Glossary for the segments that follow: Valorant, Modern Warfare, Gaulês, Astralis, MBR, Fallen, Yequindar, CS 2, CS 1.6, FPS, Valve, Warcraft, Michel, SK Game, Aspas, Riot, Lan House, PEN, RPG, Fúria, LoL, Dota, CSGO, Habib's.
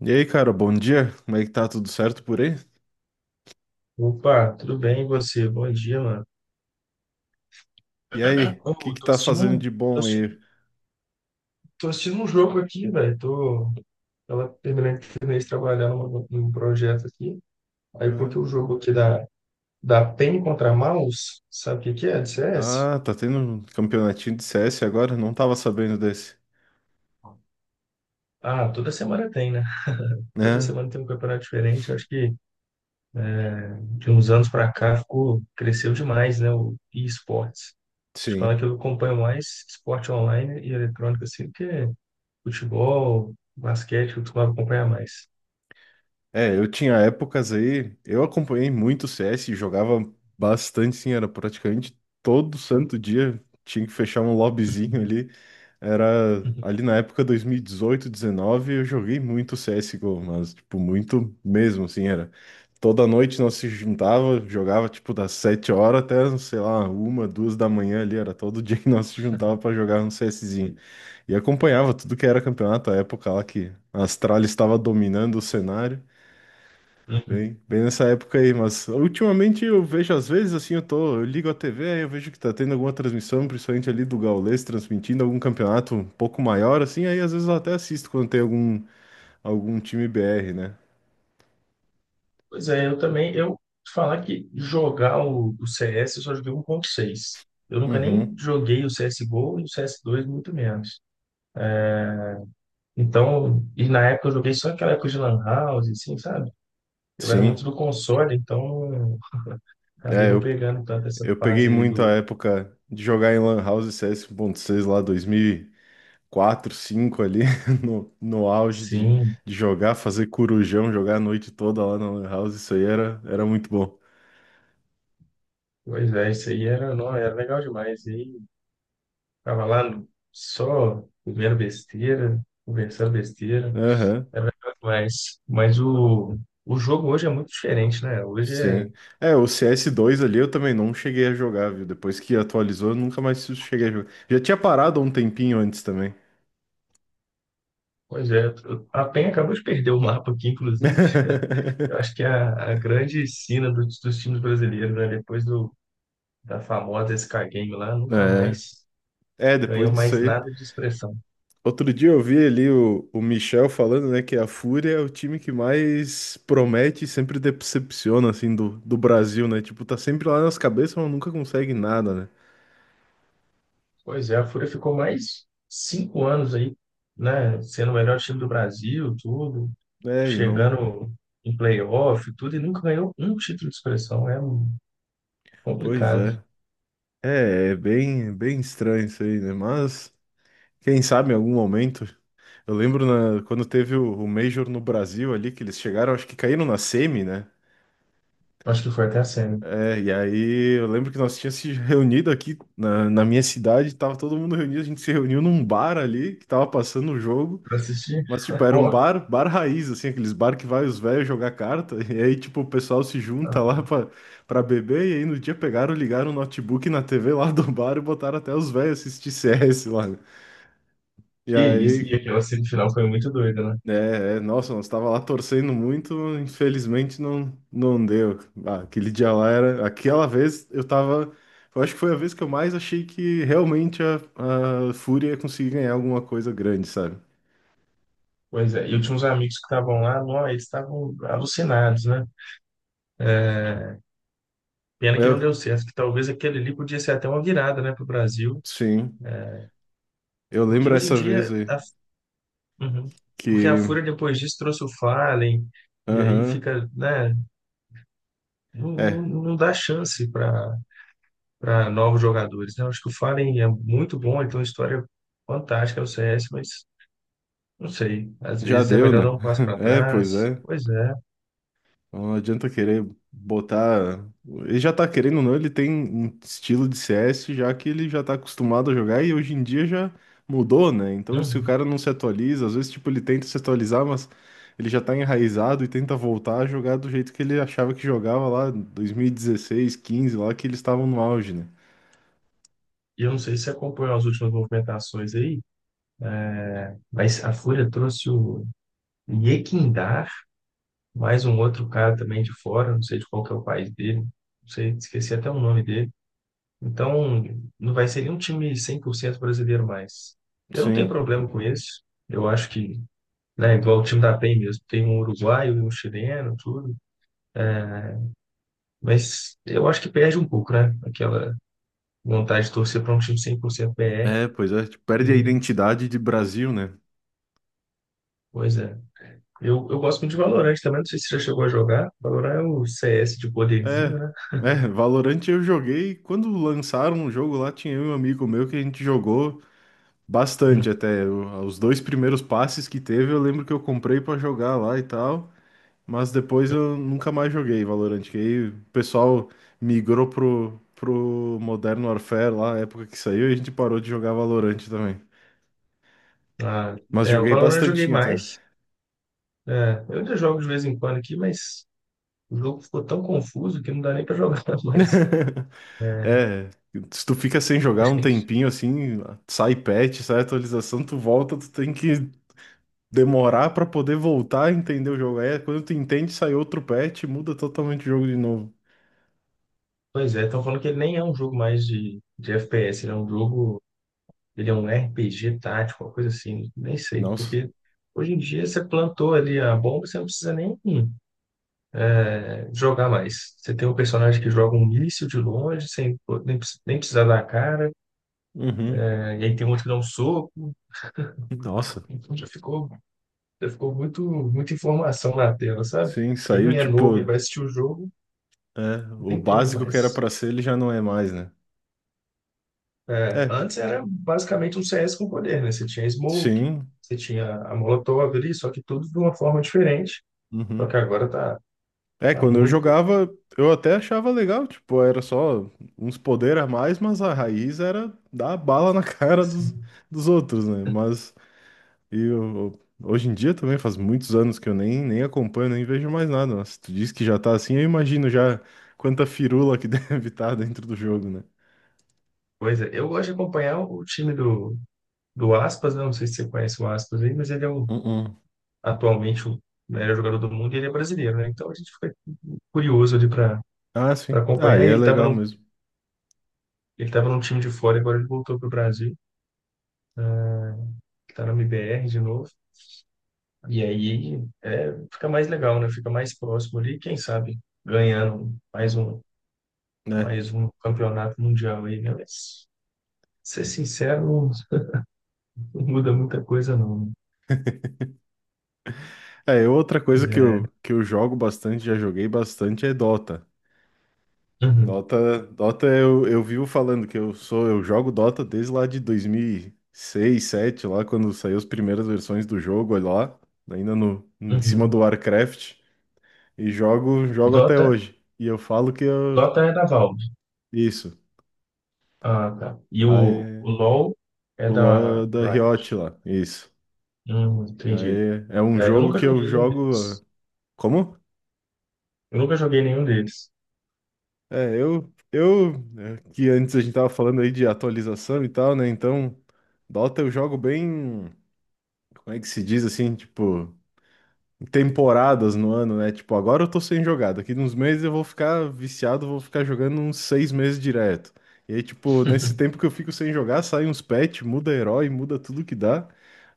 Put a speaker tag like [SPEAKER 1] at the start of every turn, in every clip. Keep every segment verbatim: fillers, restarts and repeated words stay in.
[SPEAKER 1] E aí, cara, bom dia. Como é que tá? Tudo certo por aí?
[SPEAKER 2] Opa, tudo bem e você? Bom dia, mano.
[SPEAKER 1] E aí, o que
[SPEAKER 2] Ô,
[SPEAKER 1] que
[SPEAKER 2] tô
[SPEAKER 1] tá
[SPEAKER 2] assistindo
[SPEAKER 1] fazendo
[SPEAKER 2] um,
[SPEAKER 1] de
[SPEAKER 2] tô
[SPEAKER 1] bom
[SPEAKER 2] assistindo,
[SPEAKER 1] aí?
[SPEAKER 2] tô assistindo um jogo aqui, velho. Tô, tava terminando, terminei de trabalhar num, num projeto aqui. Aí eu coloquei
[SPEAKER 1] Aham.
[SPEAKER 2] o jogo aqui da, da P E N contra mouse. Sabe o que que é? De C S.
[SPEAKER 1] Ah, tá tendo um campeonatinho de C S agora? Não tava sabendo desse.
[SPEAKER 2] Ah, toda semana tem, né? Toda
[SPEAKER 1] Né?
[SPEAKER 2] semana tem um campeonato diferente. Eu acho que de uns anos pra cá ficou, cresceu demais, né? O e-sports. Te falar
[SPEAKER 1] Sim.
[SPEAKER 2] que eu acompanho mais esporte online e eletrônico, assim, do que futebol, basquete, eu costumava acompanhar mais.
[SPEAKER 1] É, eu tinha épocas aí, eu acompanhei muito o C S, e jogava bastante, sim, era praticamente todo santo dia. Tinha que fechar um lobbyzinho
[SPEAKER 2] Uhum,
[SPEAKER 1] ali. Era
[SPEAKER 2] uhum,
[SPEAKER 1] ali na época dois mil e dezoito, dezenove, eu joguei muito C S G O, mas tipo muito mesmo, assim, era. Toda noite nós se juntava, jogava tipo das sete horas até, sei lá, uma, duas da manhã ali, era todo dia que nós se juntava para jogar um CSzinho. E acompanhava tudo que era campeonato, a época lá que a Astralis estava dominando o cenário. Bem,
[SPEAKER 2] uhum.
[SPEAKER 1] bem nessa época aí, mas ultimamente eu vejo, às vezes, assim, eu tô, eu ligo a T V, aí eu vejo que tá tendo alguma transmissão, principalmente ali do Gaulês, transmitindo algum campeonato um pouco maior, assim, aí às vezes eu até assisto quando tem algum, algum time B R, né?
[SPEAKER 2] Pois é, eu também, eu te falar que jogar o, o C S eu só joguei um ponto seis. Eu nunca
[SPEAKER 1] Uhum,
[SPEAKER 2] nem joguei o C S G O e o cs dois muito menos. Então, e na época eu joguei só aquela época de Lan House, assim, sabe? Eu era muito
[SPEAKER 1] sim.
[SPEAKER 2] do console, então acabei
[SPEAKER 1] É,
[SPEAKER 2] não
[SPEAKER 1] eu,
[SPEAKER 2] pegando tanto essa
[SPEAKER 1] eu peguei
[SPEAKER 2] fase aí
[SPEAKER 1] muito a
[SPEAKER 2] do...
[SPEAKER 1] época de jogar em Lan House C S seis lá, dois mil e quatro, cinco ali, no, no auge de,
[SPEAKER 2] Sim,
[SPEAKER 1] de jogar, fazer corujão, jogar a noite toda lá na Lan House, isso aí era, era muito bom.
[SPEAKER 2] pois é, isso aí era, não, era legal demais. E aí, tava lá no- só comendo besteira, conversando besteira. É legal demais. Mas o, o jogo hoje é muito diferente, né? Hoje é.
[SPEAKER 1] Sim. É, o cs dois ali eu também não cheguei a jogar, viu? Depois que atualizou, eu nunca mais cheguei a jogar. Já tinha parado há um tempinho antes também.
[SPEAKER 2] Pois é, a P E N acabou de perder o mapa aqui, inclusive. Eu acho que é a, a grande sina dos dos times brasileiros, né? Depois do, da famosa S K Game lá, nunca
[SPEAKER 1] É.
[SPEAKER 2] mais
[SPEAKER 1] É, depois
[SPEAKER 2] ganhou
[SPEAKER 1] disso
[SPEAKER 2] mais
[SPEAKER 1] aí.
[SPEAKER 2] nada de expressão.
[SPEAKER 1] Outro dia eu vi ali o, o Michel falando, né, que a Fúria é o time que mais promete e sempre decepciona, assim, do, do Brasil, né? Tipo, tá sempre lá nas cabeças, mas nunca consegue nada, né?
[SPEAKER 2] Pois é, a Fúria ficou mais cinco anos aí, né? Sendo o melhor time do Brasil, tudo,
[SPEAKER 1] É, e não.
[SPEAKER 2] chegando em playoff, tudo, e nunca ganhou um título de expressão. É
[SPEAKER 1] Pois
[SPEAKER 2] complicado.
[SPEAKER 1] é. É, é bem, bem estranho isso aí, né? Mas, quem sabe em algum momento. Eu lembro na- quando teve o, o Major no Brasil ali, que eles chegaram, acho que caíram na semi, né?
[SPEAKER 2] Acho que foi até a semi.
[SPEAKER 1] É, e aí eu lembro que nós tínhamos se reunido aqui na, na minha cidade, tava todo mundo reunido, a gente se reuniu num bar ali, que tava passando o jogo,
[SPEAKER 2] Pra assistir?
[SPEAKER 1] mas tipo, era um
[SPEAKER 2] Ó,
[SPEAKER 1] bar, bar raiz, assim, aqueles bar que vai os velhos jogar carta, e aí tipo, o pessoal se junta lá pra, pra beber, e aí no dia pegaram, ligaram o notebook na T V lá do bar e botaram até os velhos assistir C S lá. Né? E
[SPEAKER 2] que isso. E
[SPEAKER 1] aí,
[SPEAKER 2] aquela semifinal foi muito doida, né?
[SPEAKER 1] É, é, nossa, nós estava lá torcendo muito, infelizmente não, não deu. Ah, aquele dia lá era, aquela vez eu tava, eu acho que foi a vez que eu mais achei que realmente a, a Fúria ia conseguir ganhar alguma coisa grande, sabe?
[SPEAKER 2] Pois é. E eu tinha uns amigos que estavam lá, não, eles estavam alucinados, né? Pena que não
[SPEAKER 1] Eu,
[SPEAKER 2] deu certo, que talvez aquele ali podia ser até uma virada, né, pro Brasil.
[SPEAKER 1] sim, eu
[SPEAKER 2] Porque
[SPEAKER 1] lembro
[SPEAKER 2] hoje em
[SPEAKER 1] essa vez
[SPEAKER 2] dia.
[SPEAKER 1] aí
[SPEAKER 2] A... Uhum. Porque a
[SPEAKER 1] que,
[SPEAKER 2] Fúria depois disso trouxe o Fallen, e aí
[SPEAKER 1] aham,
[SPEAKER 2] fica, né? Não, não,
[SPEAKER 1] é,
[SPEAKER 2] não dá chance para para novos jogadores, né? Eu acho que o Fallen é muito bom, ele tem uma história fantástica no C S, mas. Não sei, às
[SPEAKER 1] já
[SPEAKER 2] vezes é
[SPEAKER 1] deu,
[SPEAKER 2] melhor
[SPEAKER 1] né?
[SPEAKER 2] dar um passo para
[SPEAKER 1] É, pois
[SPEAKER 2] trás.
[SPEAKER 1] é.
[SPEAKER 2] Pois é.
[SPEAKER 1] Então, não adianta querer botar. Ele já tá querendo ou não, ele tem um estilo de C S já que ele já tá acostumado a jogar e hoje em dia já mudou, né? Então, se o
[SPEAKER 2] Uhum.
[SPEAKER 1] cara não se atualiza, às vezes, tipo, ele tenta se atualizar, mas ele já tá enraizado e tenta voltar a jogar do jeito que ele achava que jogava lá em dois mil e dezesseis quinze lá que eles estavam no auge, né?
[SPEAKER 2] E eu não sei se você acompanhou as últimas movimentações aí, mas a Fúria trouxe o Yequindar, mais um outro cara também de fora, não sei de qual que é o país dele, não sei, esqueci até o nome dele. Então, não vai ser nenhum time cem por cento brasileiro mais. Eu não tenho
[SPEAKER 1] Sim.
[SPEAKER 2] problema com isso. Eu acho que, né, igual o time da P E N mesmo, tem um uruguaio e um chileno, tudo. Mas eu acho que perde um pouco, né? Aquela vontade de torcer para um time cem por cento
[SPEAKER 1] É, pois é, tipo,
[SPEAKER 2] P E.
[SPEAKER 1] perde a
[SPEAKER 2] E, E,
[SPEAKER 1] identidade de Brasil, né?
[SPEAKER 2] pois é. Eu, eu gosto muito de Valorant também, não sei se você já chegou a jogar. Valorant é o C S de poderzinho,
[SPEAKER 1] É.
[SPEAKER 2] né?
[SPEAKER 1] É, Valorant eu joguei. Quando lançaram o jogo lá, tinha eu e um amigo meu que a gente jogou.
[SPEAKER 2] Hum.
[SPEAKER 1] Bastante até. O- Os dois primeiros passes que teve, eu lembro que eu comprei pra jogar lá e tal, mas depois eu nunca mais joguei Valorant, que aí o pessoal migrou pro, pro Modern Warfare lá, na época que saiu, e a gente parou de jogar Valorant também.
[SPEAKER 2] Ah,
[SPEAKER 1] Mas
[SPEAKER 2] é, o
[SPEAKER 1] joguei
[SPEAKER 2] Valorant eu joguei
[SPEAKER 1] bastantinho até.
[SPEAKER 2] mais. É, eu ainda jogo de vez em quando aqui, mas o jogo ficou tão confuso que não dá nem pra jogar mais. É,
[SPEAKER 1] É, se tu fica sem jogar
[SPEAKER 2] acho que
[SPEAKER 1] um
[SPEAKER 2] tem que...
[SPEAKER 1] tempinho assim, sai patch, sai atualização, tu volta, tu tem que demorar pra poder voltar a entender o jogo. É, quando tu entende, sai outro patch, muda totalmente o jogo de novo.
[SPEAKER 2] Pois é, estão falando que ele nem é um jogo mais de, de F P S, ele é um jogo, ele é um R P G tático, uma coisa assim, nem sei,
[SPEAKER 1] Nossa.
[SPEAKER 2] porque hoje em dia você plantou ali a bomba, você não precisa nem jogar mais. Você tem um personagem que joga um míssil de longe, sem nem, precis- nem precisar dar a cara,
[SPEAKER 1] Uhum.
[SPEAKER 2] né? E aí tem outro que dá um soco.
[SPEAKER 1] Nossa.
[SPEAKER 2] Então já ficou, já ficou muito, muita informação na tela, sabe?
[SPEAKER 1] Sim, saiu
[SPEAKER 2] Quem é novo e
[SPEAKER 1] tipo.
[SPEAKER 2] vai assistir o jogo,
[SPEAKER 1] É, o
[SPEAKER 2] nem entende
[SPEAKER 1] básico que era
[SPEAKER 2] mais.
[SPEAKER 1] pra ser, ele já não é mais, né?
[SPEAKER 2] É,
[SPEAKER 1] É.
[SPEAKER 2] antes era basicamente um C S com poder, né? Você tinha Smoke,
[SPEAKER 1] Sim.
[SPEAKER 2] você tinha a Molotov ali, só que tudo de uma forma diferente. Só que
[SPEAKER 1] Uhum.
[SPEAKER 2] agora tá,
[SPEAKER 1] É,
[SPEAKER 2] tá
[SPEAKER 1] quando eu
[SPEAKER 2] muito,
[SPEAKER 1] jogava, eu até achava legal, tipo, era só uns poderes a mais, mas a raiz era dar bala na cara dos,
[SPEAKER 2] assim,
[SPEAKER 1] dos outros, né? Mas e eu- hoje em dia também faz muitos anos que eu nem, nem acompanho, nem vejo mais nada. Mas se tu diz que já tá assim, eu imagino já quanta firula que deve estar dentro do jogo, né?
[SPEAKER 2] coisa. Eu gosto de acompanhar o time do, do Aspas, né? Não sei se você conhece o Aspas aí, mas ele é um atualmente o melhor jogador do mundo, e ele é brasileiro, né? Então a gente fica curioso ali para
[SPEAKER 1] Ah,
[SPEAKER 2] para
[SPEAKER 1] sim. Ah, e
[SPEAKER 2] acompanhar. E
[SPEAKER 1] é
[SPEAKER 2] ele estava
[SPEAKER 1] legal
[SPEAKER 2] num,
[SPEAKER 1] mesmo,
[SPEAKER 2] ele estava num time de fora, agora ele voltou para o Brasil, está na M B R de novo. E aí é, fica mais legal, né? Fica mais próximo ali, quem sabe ganhando mais um,
[SPEAKER 1] né?
[SPEAKER 2] mais um campeonato mundial aí, né? Mas, ser sincero, não, não muda muita coisa, não.
[SPEAKER 1] É, outra coisa que
[SPEAKER 2] Né?
[SPEAKER 1] eu, que eu jogo bastante, já joguei bastante, é Dota.
[SPEAKER 2] É, uhum,
[SPEAKER 1] Dota, Dota eu, eu vivo falando que eu sou, eu jogo Dota desde lá de dois mil e seis, sete, lá quando saiu as primeiras versões do jogo, olha lá, ainda no, em cima do
[SPEAKER 2] uhum.
[SPEAKER 1] Warcraft, e jogo, jogo até
[SPEAKER 2] Dota,
[SPEAKER 1] hoje. E eu falo que eu,
[SPEAKER 2] Dota é da Valve.
[SPEAKER 1] isso.
[SPEAKER 2] Ah, tá. E o, o
[SPEAKER 1] Aí,
[SPEAKER 2] LoL é
[SPEAKER 1] o
[SPEAKER 2] da
[SPEAKER 1] LoL é da Riot
[SPEAKER 2] Riot.
[SPEAKER 1] lá, isso.
[SPEAKER 2] Hum, entendi.
[SPEAKER 1] Aí, é um
[SPEAKER 2] É, eu
[SPEAKER 1] jogo
[SPEAKER 2] nunca
[SPEAKER 1] que eu
[SPEAKER 2] joguei nenhum
[SPEAKER 1] jogo, ah,
[SPEAKER 2] deles.
[SPEAKER 1] como?
[SPEAKER 2] Eu nunca joguei nenhum deles.
[SPEAKER 1] É, eu, eu, é, que antes a gente tava falando aí de atualização e tal, né? Então, Dota eu jogo bem, como é que se diz assim, tipo, em temporadas no ano, né? Tipo, agora eu tô sem jogar, daqui uns meses eu vou ficar viciado, vou ficar jogando uns seis meses direto. E aí, tipo, nesse tempo que eu fico sem jogar, sai uns patch, muda herói, muda tudo que dá.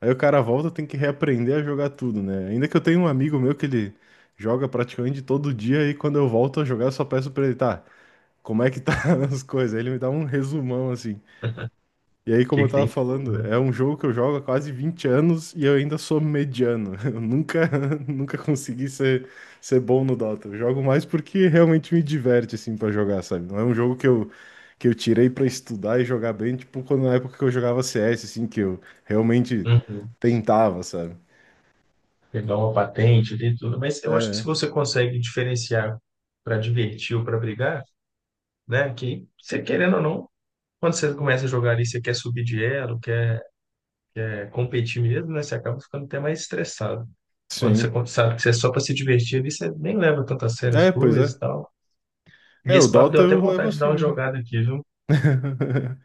[SPEAKER 1] Aí o cara volta, tem que reaprender a jogar tudo, né? Ainda que eu tenho um amigo meu que ele joga praticamente todo dia e quando eu volto a jogar, eu só peço pra ele, tá? Como é que tá as coisas. Aí ele me dá um resumão assim. E aí,
[SPEAKER 2] O
[SPEAKER 1] como
[SPEAKER 2] que
[SPEAKER 1] eu
[SPEAKER 2] que
[SPEAKER 1] tava
[SPEAKER 2] tem de novo,
[SPEAKER 1] falando,
[SPEAKER 2] né?
[SPEAKER 1] é um jogo que eu jogo há quase vinte anos e eu ainda sou mediano. Eu nunca, nunca consegui ser, ser bom no Dota. Eu jogo mais porque realmente me diverte, assim, pra jogar, sabe? Não é um jogo que eu, que eu tirei pra estudar e jogar bem, tipo, quando na época que eu jogava C S, assim, que eu realmente
[SPEAKER 2] Uhum.
[SPEAKER 1] tentava, sabe?
[SPEAKER 2] Pegar uma patente, tem tudo. Mas eu acho que se
[SPEAKER 1] É,
[SPEAKER 2] você consegue diferenciar para divertir ou para brigar, né? Que você querendo ou não, quando você começa a jogar ali, você quer subir de elo, quer, quer competir mesmo, né? Você acaba ficando até mais estressado. Quando você
[SPEAKER 1] sim.
[SPEAKER 2] con- sabe que você é só para se divertir ali, você nem leva tanto a sério as
[SPEAKER 1] É, pois é.
[SPEAKER 2] coisas e tal. E
[SPEAKER 1] É, o
[SPEAKER 2] esse papo deu
[SPEAKER 1] Dota
[SPEAKER 2] até
[SPEAKER 1] eu levo
[SPEAKER 2] vontade de
[SPEAKER 1] assim
[SPEAKER 2] dar uma
[SPEAKER 1] mesmo.
[SPEAKER 2] jogada aqui, viu?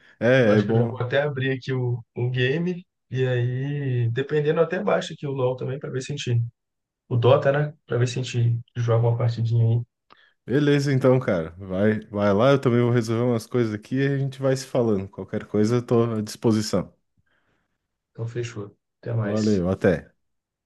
[SPEAKER 2] Eu
[SPEAKER 1] É, é
[SPEAKER 2] acho que eu já vou
[SPEAKER 1] bom.
[SPEAKER 2] até abrir aqui o, o game. E aí, dependendo, eu até baixo aqui o LoL também para ver se a gente. O Dota, né? Para ver se a gente joga uma partidinha aí.
[SPEAKER 1] Beleza, então, cara. Vai, vai lá, eu também vou resolver umas coisas aqui e a gente vai se falando. Qualquer coisa, eu tô à disposição.
[SPEAKER 2] Então, fechou. Até mais.
[SPEAKER 1] Valeu, até.